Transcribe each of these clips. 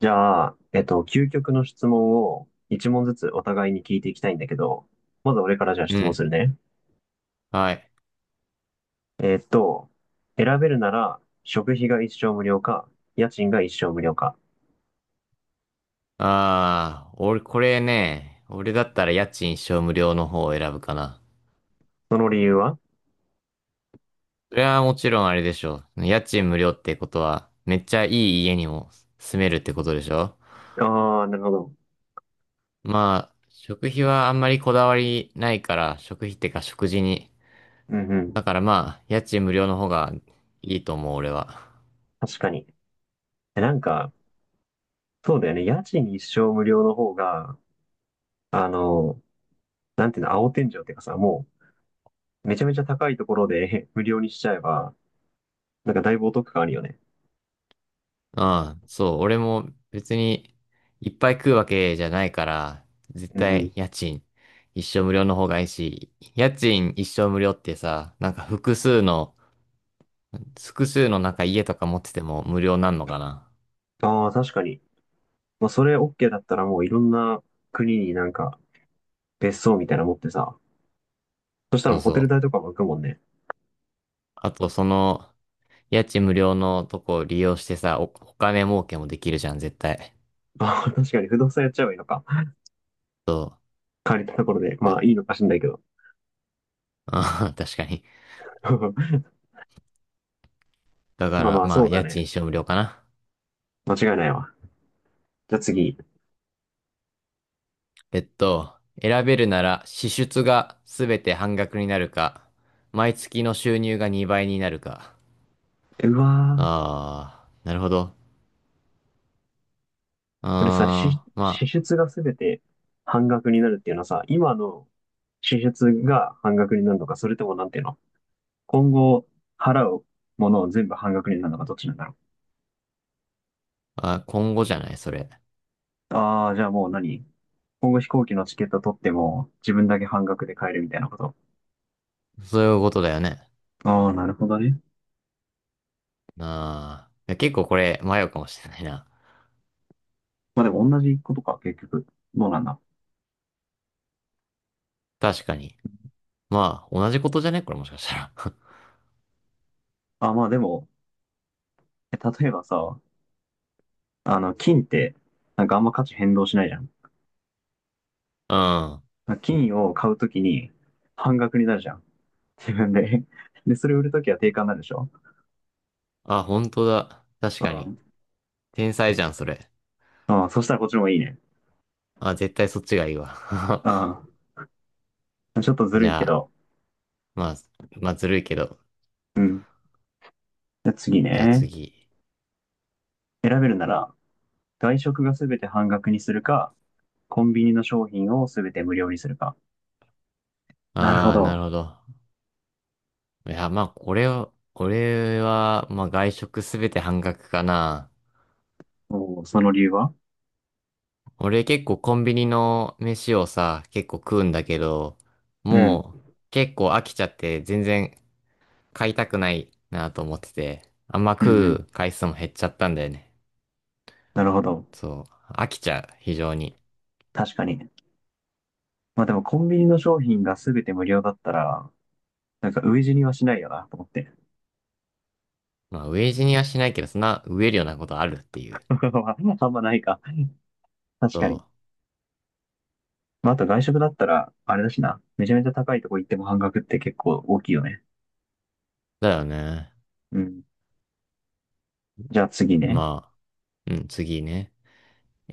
じゃあ、究極の質問を一問ずつお互いに聞いていきたいんだけど、まず俺からじゃあう質問すん。るね。はい。えっと、選べるなら食費が一生無料か、家賃が一生無料か。ああ、俺、これね、俺だったら家賃一生無料の方を選ぶかな。その理由は？それはもちろんあれでしょう。家賃無料ってことは、めっちゃいい家にも住めるってことでしょ。ああー、なるほど。まあ、食費はあんまりこだわりないから、食費ってか食事に。うんうだん。からまあ、家賃無料の方がいいと思う、俺は。確かに。えなんか、そうだよね。家賃一生無料の方が、あの、なんていうの、青天井っていうかさ、もう、めちゃめちゃ高いところで 無料にしちゃえば、なんかだいぶお得感あるよね。ああ、そう、俺も別にいっぱい食うわけじゃないから、絶うんう対ん。家賃一生無料の方がいいし、家賃一生無料ってさ、なんか複数の、複数のなんか家とか持ってても無料なんのかな。ああ、確かに。まあ、それ OK だったらもういろんな国になんか別荘みたいなの持ってさ、そしたらそもううホテそル代う。とかも浮くもんね。あとその家賃無料のとこを利用してさ、お金儲けもできるじゃん、絶対。まあ確かに不動産やっちゃえばいいのか。そう。借りたところで。まあ、あいいのかしんないけど。確かに。だかまあらまあまそあうだ家賃ね。一生無料かな。間違いないわ。じゃあ次。えっと、選べるなら支出がすべて半額になるか、毎月の収入が2倍になるか。うわー。あー、なるほど。これさ、支あー、支ま出がすべて半額になるっていうのはさ、今の支出が半額になるのか、それともなんていうの、今後払うものを全部半額になるのか、どっちなんだろあ、あ、今後じゃない、それ。う。ああ、じゃあもう今後飛行機のチケット取っても自分だけ半額で買えるみたいなこと。そういうことだよね。ああ、なるほどね。あー、いや結構これ迷うかもしれないな。まあでも同じことか、結局。どうなんだ。確かに。まあ、同じことじゃねこれもしかしたら。あ、まあでも、例えばさ、金って、なんかあんま価値変動しないじゃん。うん。金を買うときに半額になるじゃん。自分で。で、それ売るときは定価になるでしょ。あ、本当だ。確うかに。ん。天才じゃん、それ。ああ、そしたらこっちの方がいいね。あ、絶対そっちがいいわ。ああ、ちょっとずじるいゃけあ、ど。まあ、まあ、ずるいけど。うん。じゃあ次じゃあね。次。選べるなら、外食がすべて半額にするか、コンビニの商品をすべて無料にするか。なるほああ、なるど。ほど。いや、まあ、これは、俺は、まあ、外食すべて半額かな。おー、その理由は？俺結構コンビニの飯をさ、結構食うんだけど、うん。もう結構飽きちゃって全然買いたくないなと思ってて、あんまうんうん。食う回数も減っちゃったんだよね。なるほど。そう、飽きちゃう、非常に。確かに。まあでもコンビニの商品が全て無料だったら、なんか飢え死にはしないよな、と思って。まあ、飢え死にはしないけど、そんな飢えるようなことあるっていう。あんまないか。確そかに。まああと外食だったら、あれだしな。めちゃめちゃ高いとこ行っても半額って結構大きいよね。う、だよね。うん。じゃあ次ね。まあ、うん、次ね。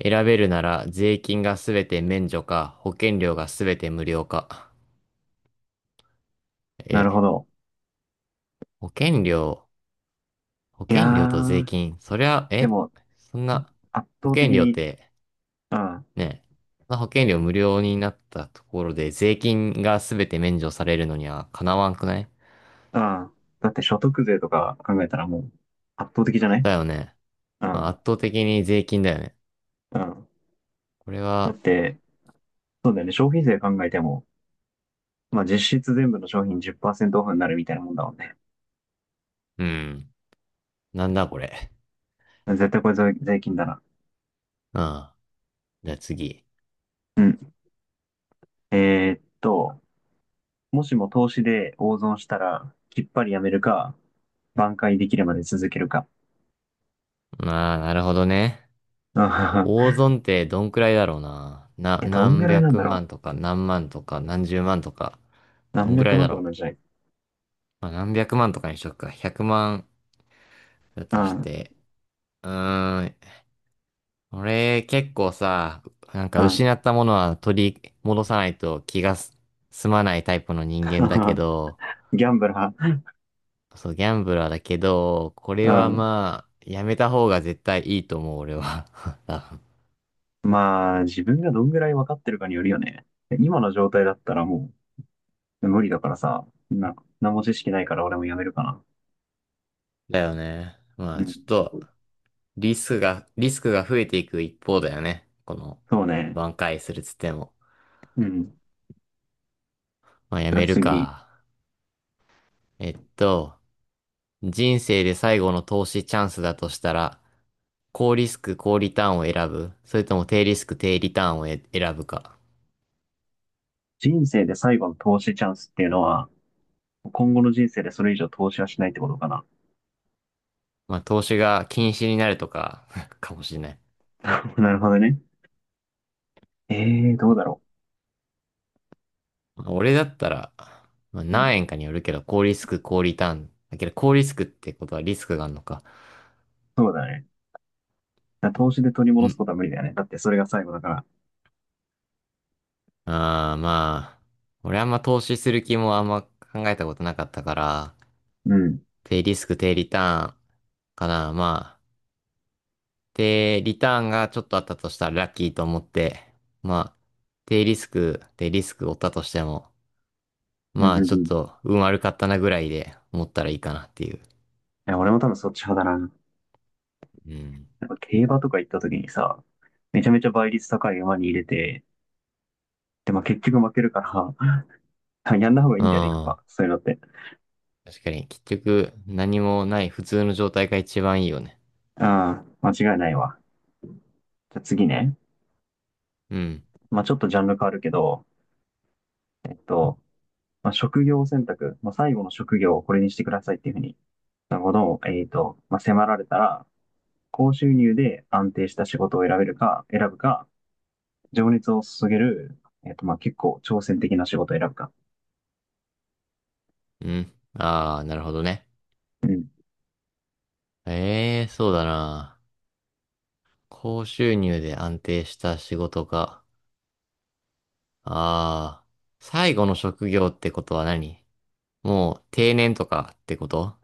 選べるなら税金がすべて免除か、保険料がすべて無料か。なえ、るほど。保険料、保いや険料と税ー、金、そりゃ、でえ、も、そんな、圧保倒的険料っに、て、うん、うん。ね、そんな保険料無料になったところで税金がすべて免除されるのにはかなわんくない？だって所得税とか考えたらもう、圧倒的じゃない？だよね。うまあん、圧倒的に税金だよね。うん。これだっは、て、そうだよね。消費税考えても、まあ実質全部の商品10%オフになるみたいなもんだもんね。うん、なんだこれ。絶対これ税金だな。うん。じゃあ次。うん。えーっと、もしも投資で大損したら、きっぱりやめるか、挽回できるまで続けるか。まあ、なるほどね。うん。 大損ってどんくらいだろうな。どんぐ何らいなん百だろ万とか何万とか何十万とか、う。ど何んくら百い万だとかろなう。んじゃない？まあ、何百万とかにしとくか。100万だうとしんて。うーん。俺結構さ、なんかうん。 失ったものは取り戻さないと気がす済まないタイプの人間だけ ど、ギャンブラそう、ギャンブラーだけど、こー。れうはん。まあ、やめた方が絶対いいと思う、俺は。多分まあ、自分がどんぐらい分かってるかによるよね。今の状態だったらもう無理だからさ、何も知識ないから俺もやめるかな。だよね。まうあ、ん。ちょっと、リスクが増えていく一方だよね。この、そうね。挽回するっつっても。うん。じまあ、やゃあめる次。か。えっと、人生で最後の投資チャンスだとしたら、高リスク、高リターンを選ぶ、それとも低リスク、低リターンを選ぶか。人生で最後の投資チャンスっていうのは、今後の人生でそれ以上投資はしないってことかな。まあ、投資が禁止になるとか、かもしれない。なるほどね。ええー、どうだろまあ俺だったら、まあ、う。う何ん。円かによるけど、高リスク、高リターン。だけど、高リスクってことはリスクがあるのか。そうだね。だから投資で取りう戻すん。ことは無理だよね。だってそれが最後だから。ああ、まあ、俺あんま投資する気もあんま考えたことなかったから、うん。低リスク低リターンかな。まあ、低リターンがちょっとあったとしたらラッキーと思って、まあ、低リスク、低リスク負ったとしても、うまんうんあうちょっん。いと運悪かったなぐらいで思ったらいいかなっていう。や、俺も多分そっち派だな。うん。やっぱ競馬とか行った時にさ、めちゃめちゃ倍率高い馬に入れて、で、まあ結局負けるから やんない方がいいうんだよね、やっん。ぱ。そういうのって。確かに、結局何もない普通の状態が一番いいよね。ああ、間違いないわ。じゃあ次ね。うん。まあちょっとジャンル変わるけど、えっと、まあ、職業選択、まあ、最後の職業をこれにしてくださいっていうふうに、なるほど、まあ、迫られたら、高収入で安定した仕事を選ぶか、情熱を注げる、まあ、結構挑戦的な仕事を選ぶか。うん。ああ、なるほどね。うん。ええ、そうだな。高収入で安定した仕事か。ああ、最後の職業ってことは何？もう定年とかってこと？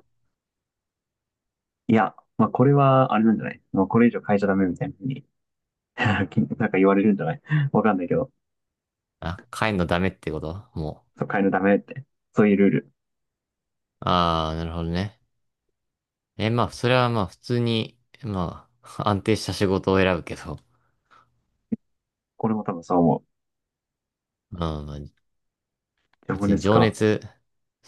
いや、まあ、これは、あれなんじゃない？もうこれ以上変えちゃダメみたいなふうに なんか言われるんじゃない？わかんないけど、あ、帰んのダメってこと？もそう変えるのダメって。そういうルール。う。ああ、なるほどね。え、まあ、それはまあ普通に、まあ、安定した仕事を選ぶけど。俺も多分そう思う。うん、まあ情別に熱情か。熱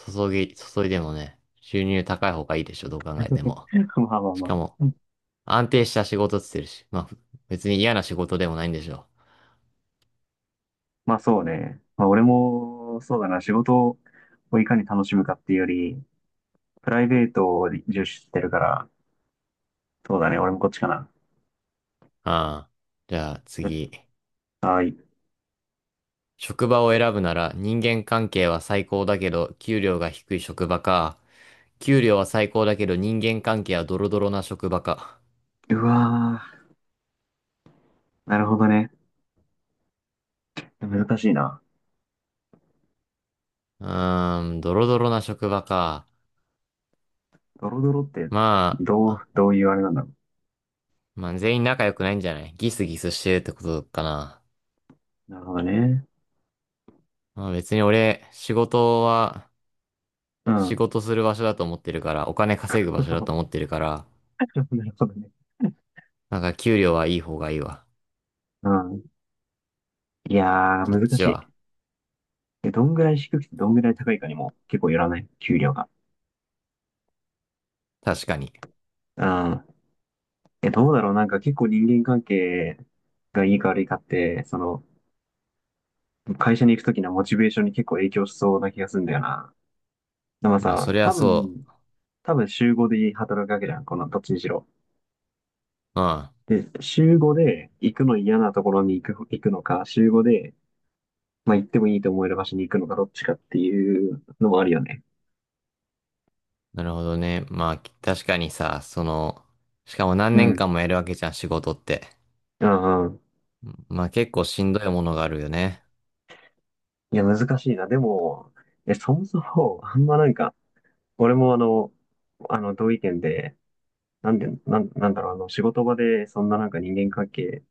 注いでもね、収入高い方がいいでしょ、どう考えても。まあまあしまかも、あ。安定した仕事っつってるし、まあ、別に嫌な仕事でもないんでしょ。まあそうね。まあ俺も、そうだな、仕事をいかに楽しむかっていうより、プライベートを重視してるから、そうだね、俺もこっちかな。ああ。じゃあじ次。ゃはい。職場を選ぶなら人間関係は最高だけど給料が低い職場か。給料は最高だけど人間関係はドロドロな職場か。うわー、なるほどね。難しいな。うーん、ドロドロな職場か。ドロドロって、まあ、どういうあれなんだろまあ全員仲良くないんじゃない？ギスギスしてるってことかな。う。なるほどね。まあ別に俺、仕事は、う仕ん。事する場所だと思ってるから、お金稼ぐ場所だと思っ てるから、なるほどね。なんか給料はいい方がいいわ。うん。いやー、そっ難ちしは。い。どんぐらい低くてどんぐらい高いかにも結構よらない？給料が。確かに。うん。どうだろう。なんか結構人間関係がいいか悪いかって、その、会社に行くときのモチベーションに結構影響しそうな気がするんだよな。でもまあさ、そり多ゃそ分、多分週5で働くわけじゃん、このどっちにしろ。う。うん。で、週5で行くの嫌なところに行くのか、週5で、まあ、行ってもいいと思える場所に行くのか、どっちかっていうのもあるよね。なるほどね。まあ、確かにさ、その、しかも何う年ん。間もやるわけじゃん、仕事って。うんうん。まあ結構しんどいものがあるよね。いや、難しいな。でも、そもそも、あんまなんか、俺も同意見で、なんで、なんだろう、仕事場で、そんななんか人間関係、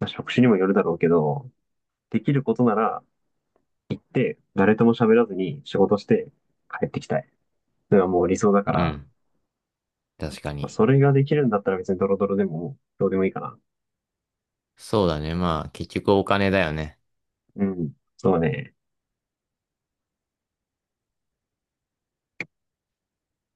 まあ、職種にもよるだろうけど、できることなら、で、誰とも喋らずに仕事して帰ってきたい。それはもう理想だかうら、ん。確かまあに。それができるんだったら別にドロドロでもどうでもいいかな。そうだね。まあ結局お金だよね。うん。そうね。